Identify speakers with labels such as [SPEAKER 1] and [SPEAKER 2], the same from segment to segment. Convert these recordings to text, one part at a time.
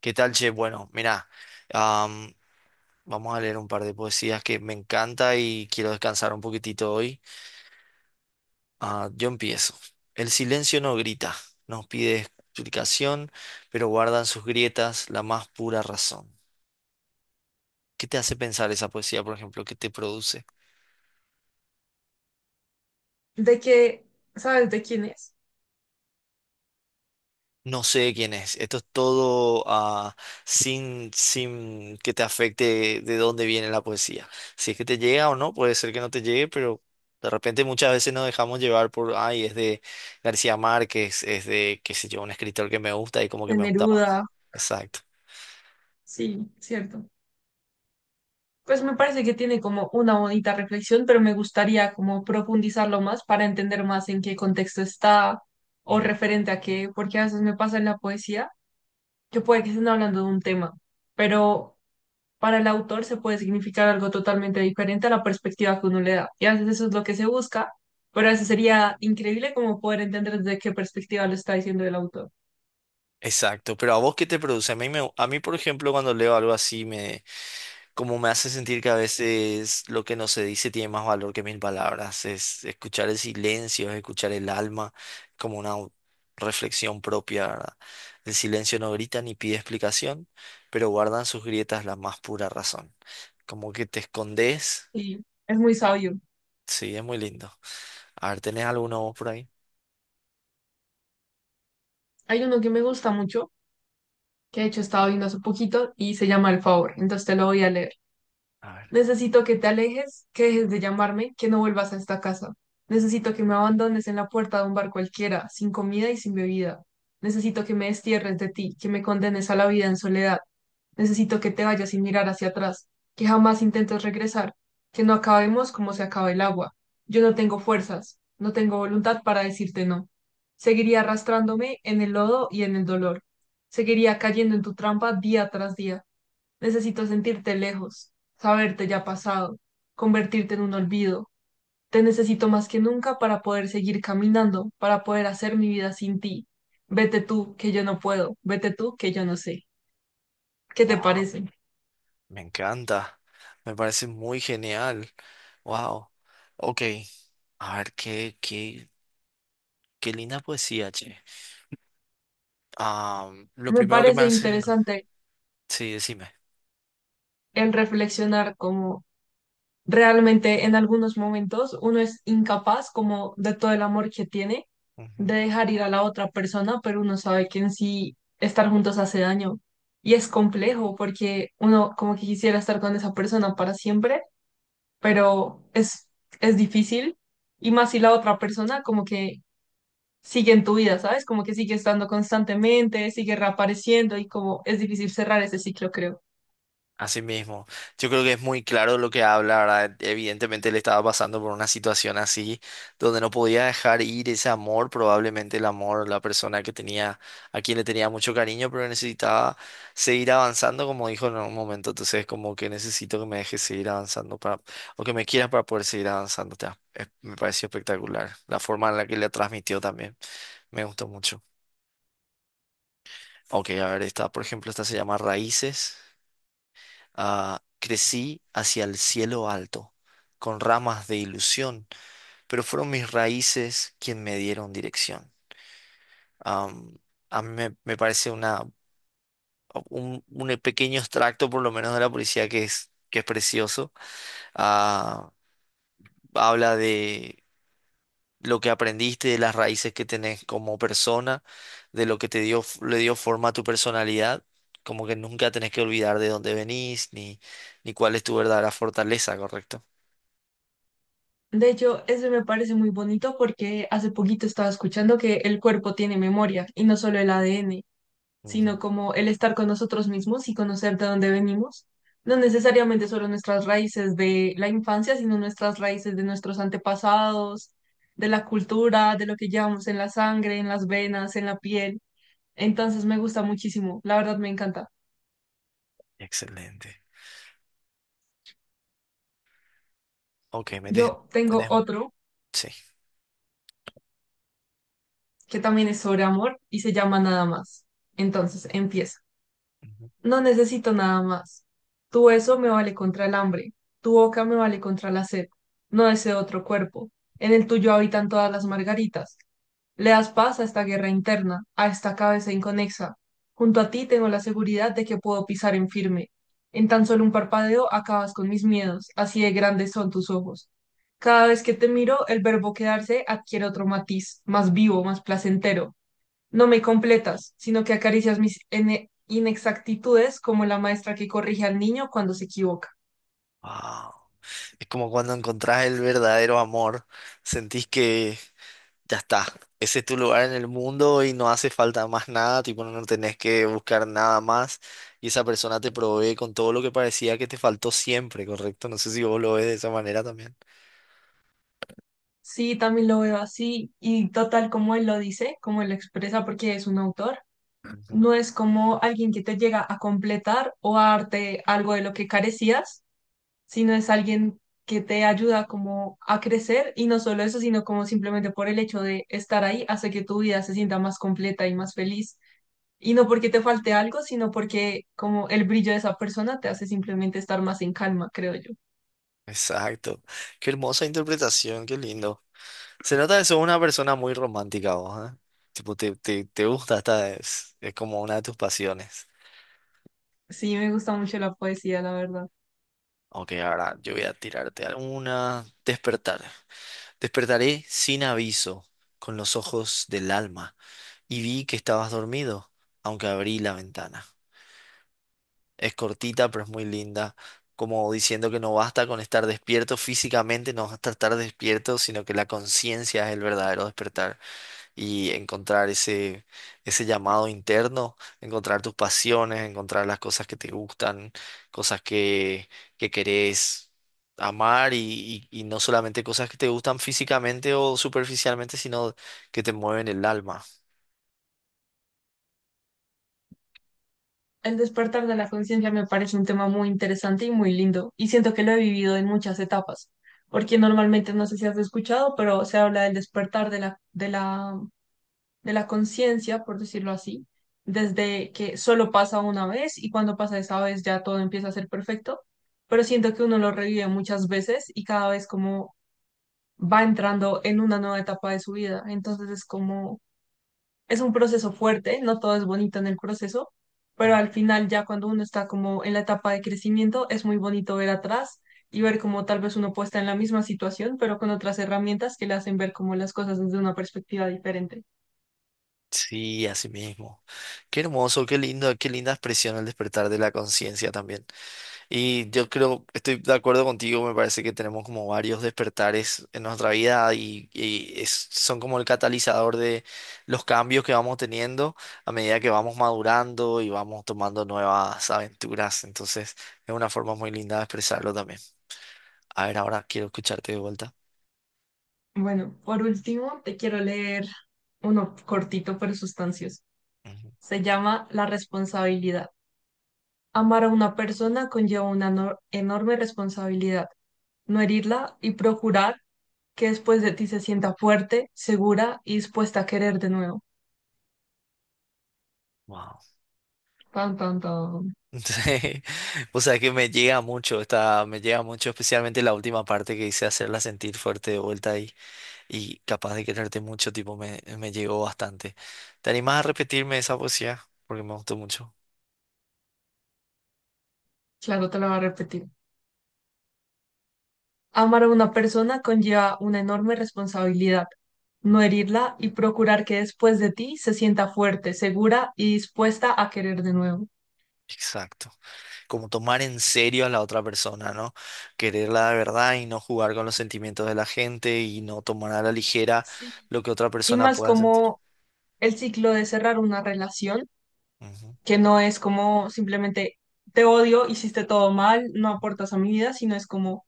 [SPEAKER 1] ¿Qué tal, che? Bueno, mirá, am, vamos a leer un par de poesías que me encanta y quiero descansar un poquitito hoy. Ah, yo empiezo. El silencio no grita, nos pide explicación, pero guardan sus grietas la más pura razón. ¿Qué te hace pensar esa poesía, por ejemplo? ¿Qué te produce?
[SPEAKER 2] De que, ¿sabes de quién es?
[SPEAKER 1] No sé quién es. Esto es todo sin que te afecte de dónde viene la poesía. Si es que te llega o no, puede ser que no te llegue, pero de repente muchas veces nos dejamos llevar por, ay, es de García Márquez, es de, qué sé yo, un escritor que me gusta y como que
[SPEAKER 2] De
[SPEAKER 1] me gusta
[SPEAKER 2] Neruda,
[SPEAKER 1] más. Exacto.
[SPEAKER 2] sí, cierto. Pues me parece que tiene como una bonita reflexión, pero me gustaría como profundizarlo más para entender más en qué contexto está o
[SPEAKER 1] Mm,
[SPEAKER 2] referente a qué, porque a veces me pasa en la poesía que puede que estén hablando de un tema, pero para el autor se puede significar algo totalmente diferente a la perspectiva que uno le da. Y a veces eso es lo que se busca, pero a veces sería increíble como poder entender desde qué perspectiva lo está diciendo el autor.
[SPEAKER 1] Exacto. Pero a vos, ¿qué te produce? A mí, a mí, por ejemplo, cuando leo algo así, como me hace sentir que a veces lo que no se dice tiene más valor que mil palabras, es escuchar el silencio, es escuchar el alma, como una reflexión propia, ¿verdad? El silencio no grita ni pide explicación, pero guardan sus grietas la más pura razón. Como que te escondes,
[SPEAKER 2] Y es muy sabio.
[SPEAKER 1] sí, es muy lindo. A ver, ¿tenés alguno vos por ahí?
[SPEAKER 2] Hay uno que me gusta mucho, que de hecho estaba viendo hace poquito y se llama El Favor, entonces te lo voy a leer.
[SPEAKER 1] A ver,
[SPEAKER 2] Necesito que te alejes, que dejes de llamarme, que no vuelvas a esta casa. Necesito que me abandones en la puerta de un bar cualquiera, sin comida y sin bebida. Necesito que me destierres de ti, que me condenes a la vida en soledad. Necesito que te vayas sin mirar hacia atrás, que jamás intentes regresar, que no acabemos como se acaba el agua. Yo no tengo fuerzas, no tengo voluntad para decirte no. Seguiría arrastrándome en el lodo y en el dolor. Seguiría cayendo en tu trampa día tras día. Necesito sentirte lejos, saberte ya pasado, convertirte en un olvido. Te necesito más que nunca para poder seguir caminando, para poder hacer mi vida sin ti. Vete tú, que yo no puedo, vete tú, que yo no sé. ¿Qué te
[SPEAKER 1] wow,
[SPEAKER 2] parece?
[SPEAKER 1] me encanta, me parece muy genial, wow, ok, a ver, qué linda poesía, che. Ah, lo
[SPEAKER 2] Me
[SPEAKER 1] primero que me
[SPEAKER 2] parece
[SPEAKER 1] hace,
[SPEAKER 2] interesante
[SPEAKER 1] sí, decime.
[SPEAKER 2] el reflexionar como realmente en algunos momentos uno es incapaz como de todo el amor que tiene de
[SPEAKER 1] Ujú.
[SPEAKER 2] dejar ir a la otra persona, pero uno sabe que en sí estar juntos hace daño. Y es complejo porque uno como que quisiera estar con esa persona para siempre, pero es difícil. Y más si la otra persona como que sigue en tu vida, ¿sabes? Como que sigue estando constantemente, sigue reapareciendo y como es difícil cerrar ese ciclo, creo.
[SPEAKER 1] Así mismo. Yo creo que es muy claro lo que habla, ¿verdad? Evidentemente él estaba pasando por una situación así, donde no podía dejar ir ese amor, probablemente el amor, la persona que tenía, a quien le tenía mucho cariño, pero necesitaba seguir avanzando, como dijo en un momento. Entonces, como que necesito que me dejes seguir avanzando para, o que me quieras para poder seguir avanzando. Me pareció espectacular. La forma en la que le transmitió también. Me gustó mucho. Ok, a ver, esta, por ejemplo, esta se llama Raíces. Ah, crecí hacia el cielo alto, con ramas de ilusión, pero fueron mis raíces quien me dieron dirección. Am, a mí me parece una, un pequeño extracto, por lo menos, de la poesía que es precioso. Ah, habla de lo que aprendiste, de las raíces que tenés como persona, de lo que te dio, le dio forma a tu personalidad, como que nunca tenés que olvidar de dónde venís, ni, ni cuál es tu verdadera fortaleza, ¿correcto?
[SPEAKER 2] De hecho, eso me parece muy bonito porque hace poquito estaba escuchando que el cuerpo tiene memoria y no solo el ADN, sino
[SPEAKER 1] Ujú.
[SPEAKER 2] como el estar con nosotros mismos y conocer de dónde venimos. No necesariamente solo nuestras raíces de la infancia, sino nuestras raíces de nuestros antepasados, de la cultura, de lo que llevamos en la sangre, en las venas, en la piel. Entonces me gusta muchísimo, la verdad me encanta.
[SPEAKER 1] Excelente. Ok,
[SPEAKER 2] Yo tengo
[SPEAKER 1] tenés un...
[SPEAKER 2] otro
[SPEAKER 1] Sí.
[SPEAKER 2] que también es sobre amor y se llama Nada más. Entonces, empiezo.
[SPEAKER 1] Ujú.
[SPEAKER 2] No necesito nada más. Tu beso me vale contra el hambre, tu boca me vale contra la sed. No deseo otro cuerpo. En el tuyo habitan todas las margaritas. Le das paz a esta guerra interna, a esta cabeza inconexa. Junto a ti tengo la seguridad de que puedo pisar en firme. En tan solo un parpadeo acabas con mis miedos, así de grandes son tus ojos. Cada vez que te miro, el verbo quedarse adquiere otro matiz, más vivo, más placentero. No me completas, sino que acaricias mis inexactitudes como la maestra que corrige al niño cuando se equivoca.
[SPEAKER 1] Wow. Es como cuando encontrás el verdadero amor, sentís que ya está. Ese es tu lugar en el mundo y no hace falta más nada, tipo, no tenés que buscar nada más. Y esa persona te provee con todo lo que parecía que te faltó siempre, ¿correcto? No sé si vos lo ves de esa manera también.
[SPEAKER 2] Sí, también lo veo así y total como él lo dice, como él lo expresa porque es un autor,
[SPEAKER 1] Ujú.
[SPEAKER 2] no es como alguien que te llega a completar o a darte algo de lo que carecías, sino es alguien que te ayuda como a crecer y no solo eso, sino como simplemente por el hecho de estar ahí hace que tu vida se sienta más completa y más feliz. Y no porque te falte algo, sino porque como el brillo de esa persona te hace simplemente estar más en calma, creo yo.
[SPEAKER 1] Exacto. Qué hermosa interpretación, qué lindo. Se nota que sos una persona muy romántica vos, ¿eh? Tipo, te gusta, esta es como una de tus pasiones.
[SPEAKER 2] Sí, me gusta mucho la poesía, la verdad.
[SPEAKER 1] Ok, ahora yo voy a tirarte alguna. Despertar. Despertaré sin aviso, con los ojos del alma y vi que estabas dormido, aunque abrí la ventana. Es cortita, pero es muy linda, como diciendo que no basta con estar despierto físicamente, no basta estar despierto, sino que la conciencia es el verdadero despertar y encontrar ese llamado interno, encontrar tus pasiones, encontrar las cosas que te gustan, cosas que querés. Amar y no solamente cosas que te gustan físicamente o superficialmente, sino que te mueven el alma.
[SPEAKER 2] El despertar de la conciencia me parece un tema muy interesante y muy lindo, y siento que lo he vivido en muchas etapas, porque normalmente no sé si has escuchado, pero se habla del despertar de de la conciencia, por decirlo así, desde que solo pasa una vez y cuando pasa esa vez ya todo empieza a ser perfecto, pero siento que uno lo revive muchas veces y cada vez como va entrando en una nueva etapa de su vida. Entonces es un proceso fuerte, no todo es bonito en el proceso, pero al final ya cuando uno está como en la etapa de crecimiento, es muy bonito ver atrás y ver cómo tal vez uno puede estar en la misma situación, pero con otras herramientas que le hacen ver como las cosas desde una perspectiva diferente.
[SPEAKER 1] Sí, así mismo. Qué hermoso, qué lindo, qué linda expresión el despertar de la conciencia también. Y yo creo, estoy de acuerdo contigo, me parece que tenemos como varios despertares en nuestra vida y, son como el catalizador de los cambios que vamos teniendo a medida que vamos madurando y vamos tomando nuevas aventuras. Entonces, es una forma muy linda de expresarlo también. A ver, ahora quiero escucharte de vuelta.
[SPEAKER 2] Bueno, por último, te quiero leer uno cortito pero sustancioso.
[SPEAKER 1] Ujú.
[SPEAKER 2] Se llama La responsabilidad. Amar a una persona conlleva una enorme responsabilidad, no herirla y procurar que después de ti se sienta fuerte, segura y dispuesta a querer de nuevo.
[SPEAKER 1] Wow.
[SPEAKER 2] Tan, tan, tan.
[SPEAKER 1] Sí, o sea que me llega mucho, está, me llega mucho, especialmente la última parte que hice hacerla sentir fuerte de vuelta y capaz de quererte mucho, tipo, me llegó bastante. ¿Te animás a repetirme esa poesía? Porque me gustó mucho.
[SPEAKER 2] Claro, te lo voy a repetir. Amar a una persona conlleva una enorme responsabilidad. No herirla y procurar que después de ti se sienta fuerte, segura y dispuesta a querer de nuevo.
[SPEAKER 1] Exacto. Como tomar en serio a la otra persona, ¿no? Quererla de verdad y no jugar con los sentimientos de la gente y no tomar a la ligera
[SPEAKER 2] Sí.
[SPEAKER 1] lo que otra
[SPEAKER 2] Y
[SPEAKER 1] persona
[SPEAKER 2] más
[SPEAKER 1] pueda sentir.
[SPEAKER 2] como el ciclo de cerrar una relación,
[SPEAKER 1] Ujú,
[SPEAKER 2] que no es como simplemente te odio, hiciste todo mal, no aportas a mi vida, sino es como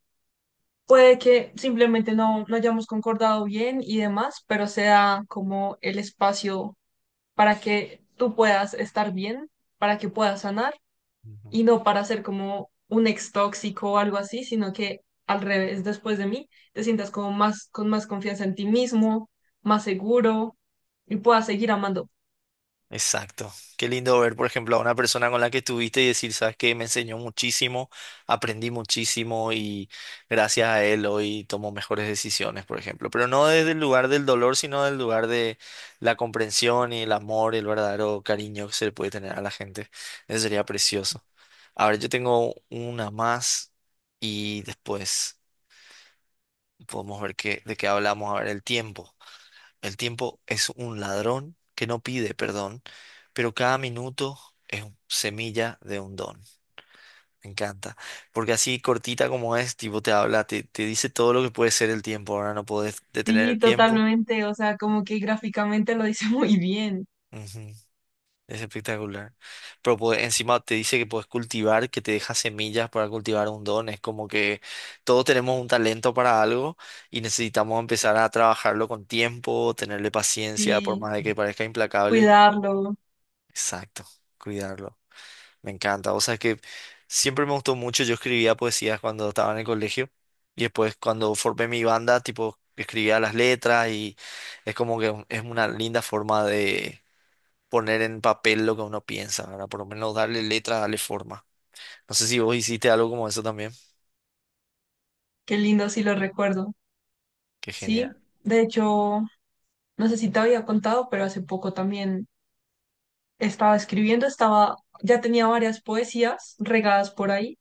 [SPEAKER 2] puede que simplemente no lo hayamos concordado bien y demás, pero sea como el espacio para que tú puedas estar bien, para que puedas sanar
[SPEAKER 1] ujú.
[SPEAKER 2] y no para ser como un ex tóxico o algo así, sino que al revés, después de mí, te sientas como más con más confianza en ti mismo, más seguro y puedas seguir amando.
[SPEAKER 1] Exacto. Qué lindo ver, por ejemplo, a una persona con la que estuviste y decir, sabes que me enseñó muchísimo, aprendí muchísimo y gracias a él hoy tomo mejores decisiones, por ejemplo. Pero no desde el lugar del dolor, sino del lugar de la comprensión y el amor, el verdadero cariño que se le puede tener a la gente. Eso sería precioso. A ver, yo tengo una más y después podemos ver qué, de qué hablamos. A ver, el tiempo. El tiempo es un ladrón que no pide perdón, pero cada minuto semilla de un don. Me encanta. Porque así cortita como es, tipo te habla, te dice todo lo que puede ser el tiempo. Ahora no podés detener
[SPEAKER 2] Sí,
[SPEAKER 1] el tiempo.
[SPEAKER 2] totalmente, o sea, como que gráficamente lo dice muy bien.
[SPEAKER 1] Ujú, es espectacular. Pero encima te dice que puedes cultivar, que te deja semillas para cultivar un don. Es como que todos tenemos un talento para algo y necesitamos empezar a trabajarlo con tiempo, tenerle paciencia, por
[SPEAKER 2] Sí,
[SPEAKER 1] más de que parezca implacable.
[SPEAKER 2] cuidarlo,
[SPEAKER 1] Exacto, cuidarlo. Me encanta. O sea, es que siempre me gustó mucho. Yo escribía poesías cuando estaba en el colegio y después cuando formé mi banda, tipo, escribía las letras y es como que es una linda forma de poner en papel lo que uno piensa, ¿verdad? Por lo menos darle letra, darle forma. No sé si vos hiciste algo como eso también.
[SPEAKER 2] qué lindo, sí lo recuerdo.
[SPEAKER 1] Qué genial.
[SPEAKER 2] Sí, de hecho. No sé si te había contado, pero hace poco también estaba escribiendo, estaba, ya tenía varias poesías regadas por ahí,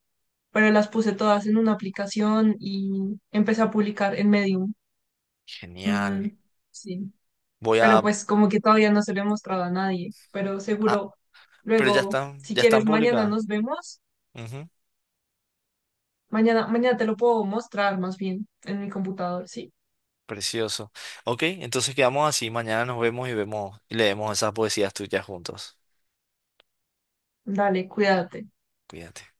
[SPEAKER 2] pero las puse todas en una aplicación y empecé a publicar en Medium.
[SPEAKER 1] Genial.
[SPEAKER 2] Mm, sí,
[SPEAKER 1] Voy
[SPEAKER 2] pero
[SPEAKER 1] a...
[SPEAKER 2] pues como que todavía no se lo he mostrado a nadie, pero
[SPEAKER 1] ah,
[SPEAKER 2] seguro
[SPEAKER 1] pero
[SPEAKER 2] luego, si
[SPEAKER 1] ya están
[SPEAKER 2] quieres, mañana
[SPEAKER 1] publicadas.
[SPEAKER 2] nos vemos.
[SPEAKER 1] Ujú.
[SPEAKER 2] Mañana te lo puedo mostrar más bien en mi computador, sí.
[SPEAKER 1] Precioso. Ok, entonces quedamos así. Mañana nos vemos y vemos y leemos esas poesías tuyas juntos.
[SPEAKER 2] Dale, cuídate.
[SPEAKER 1] Cuídate.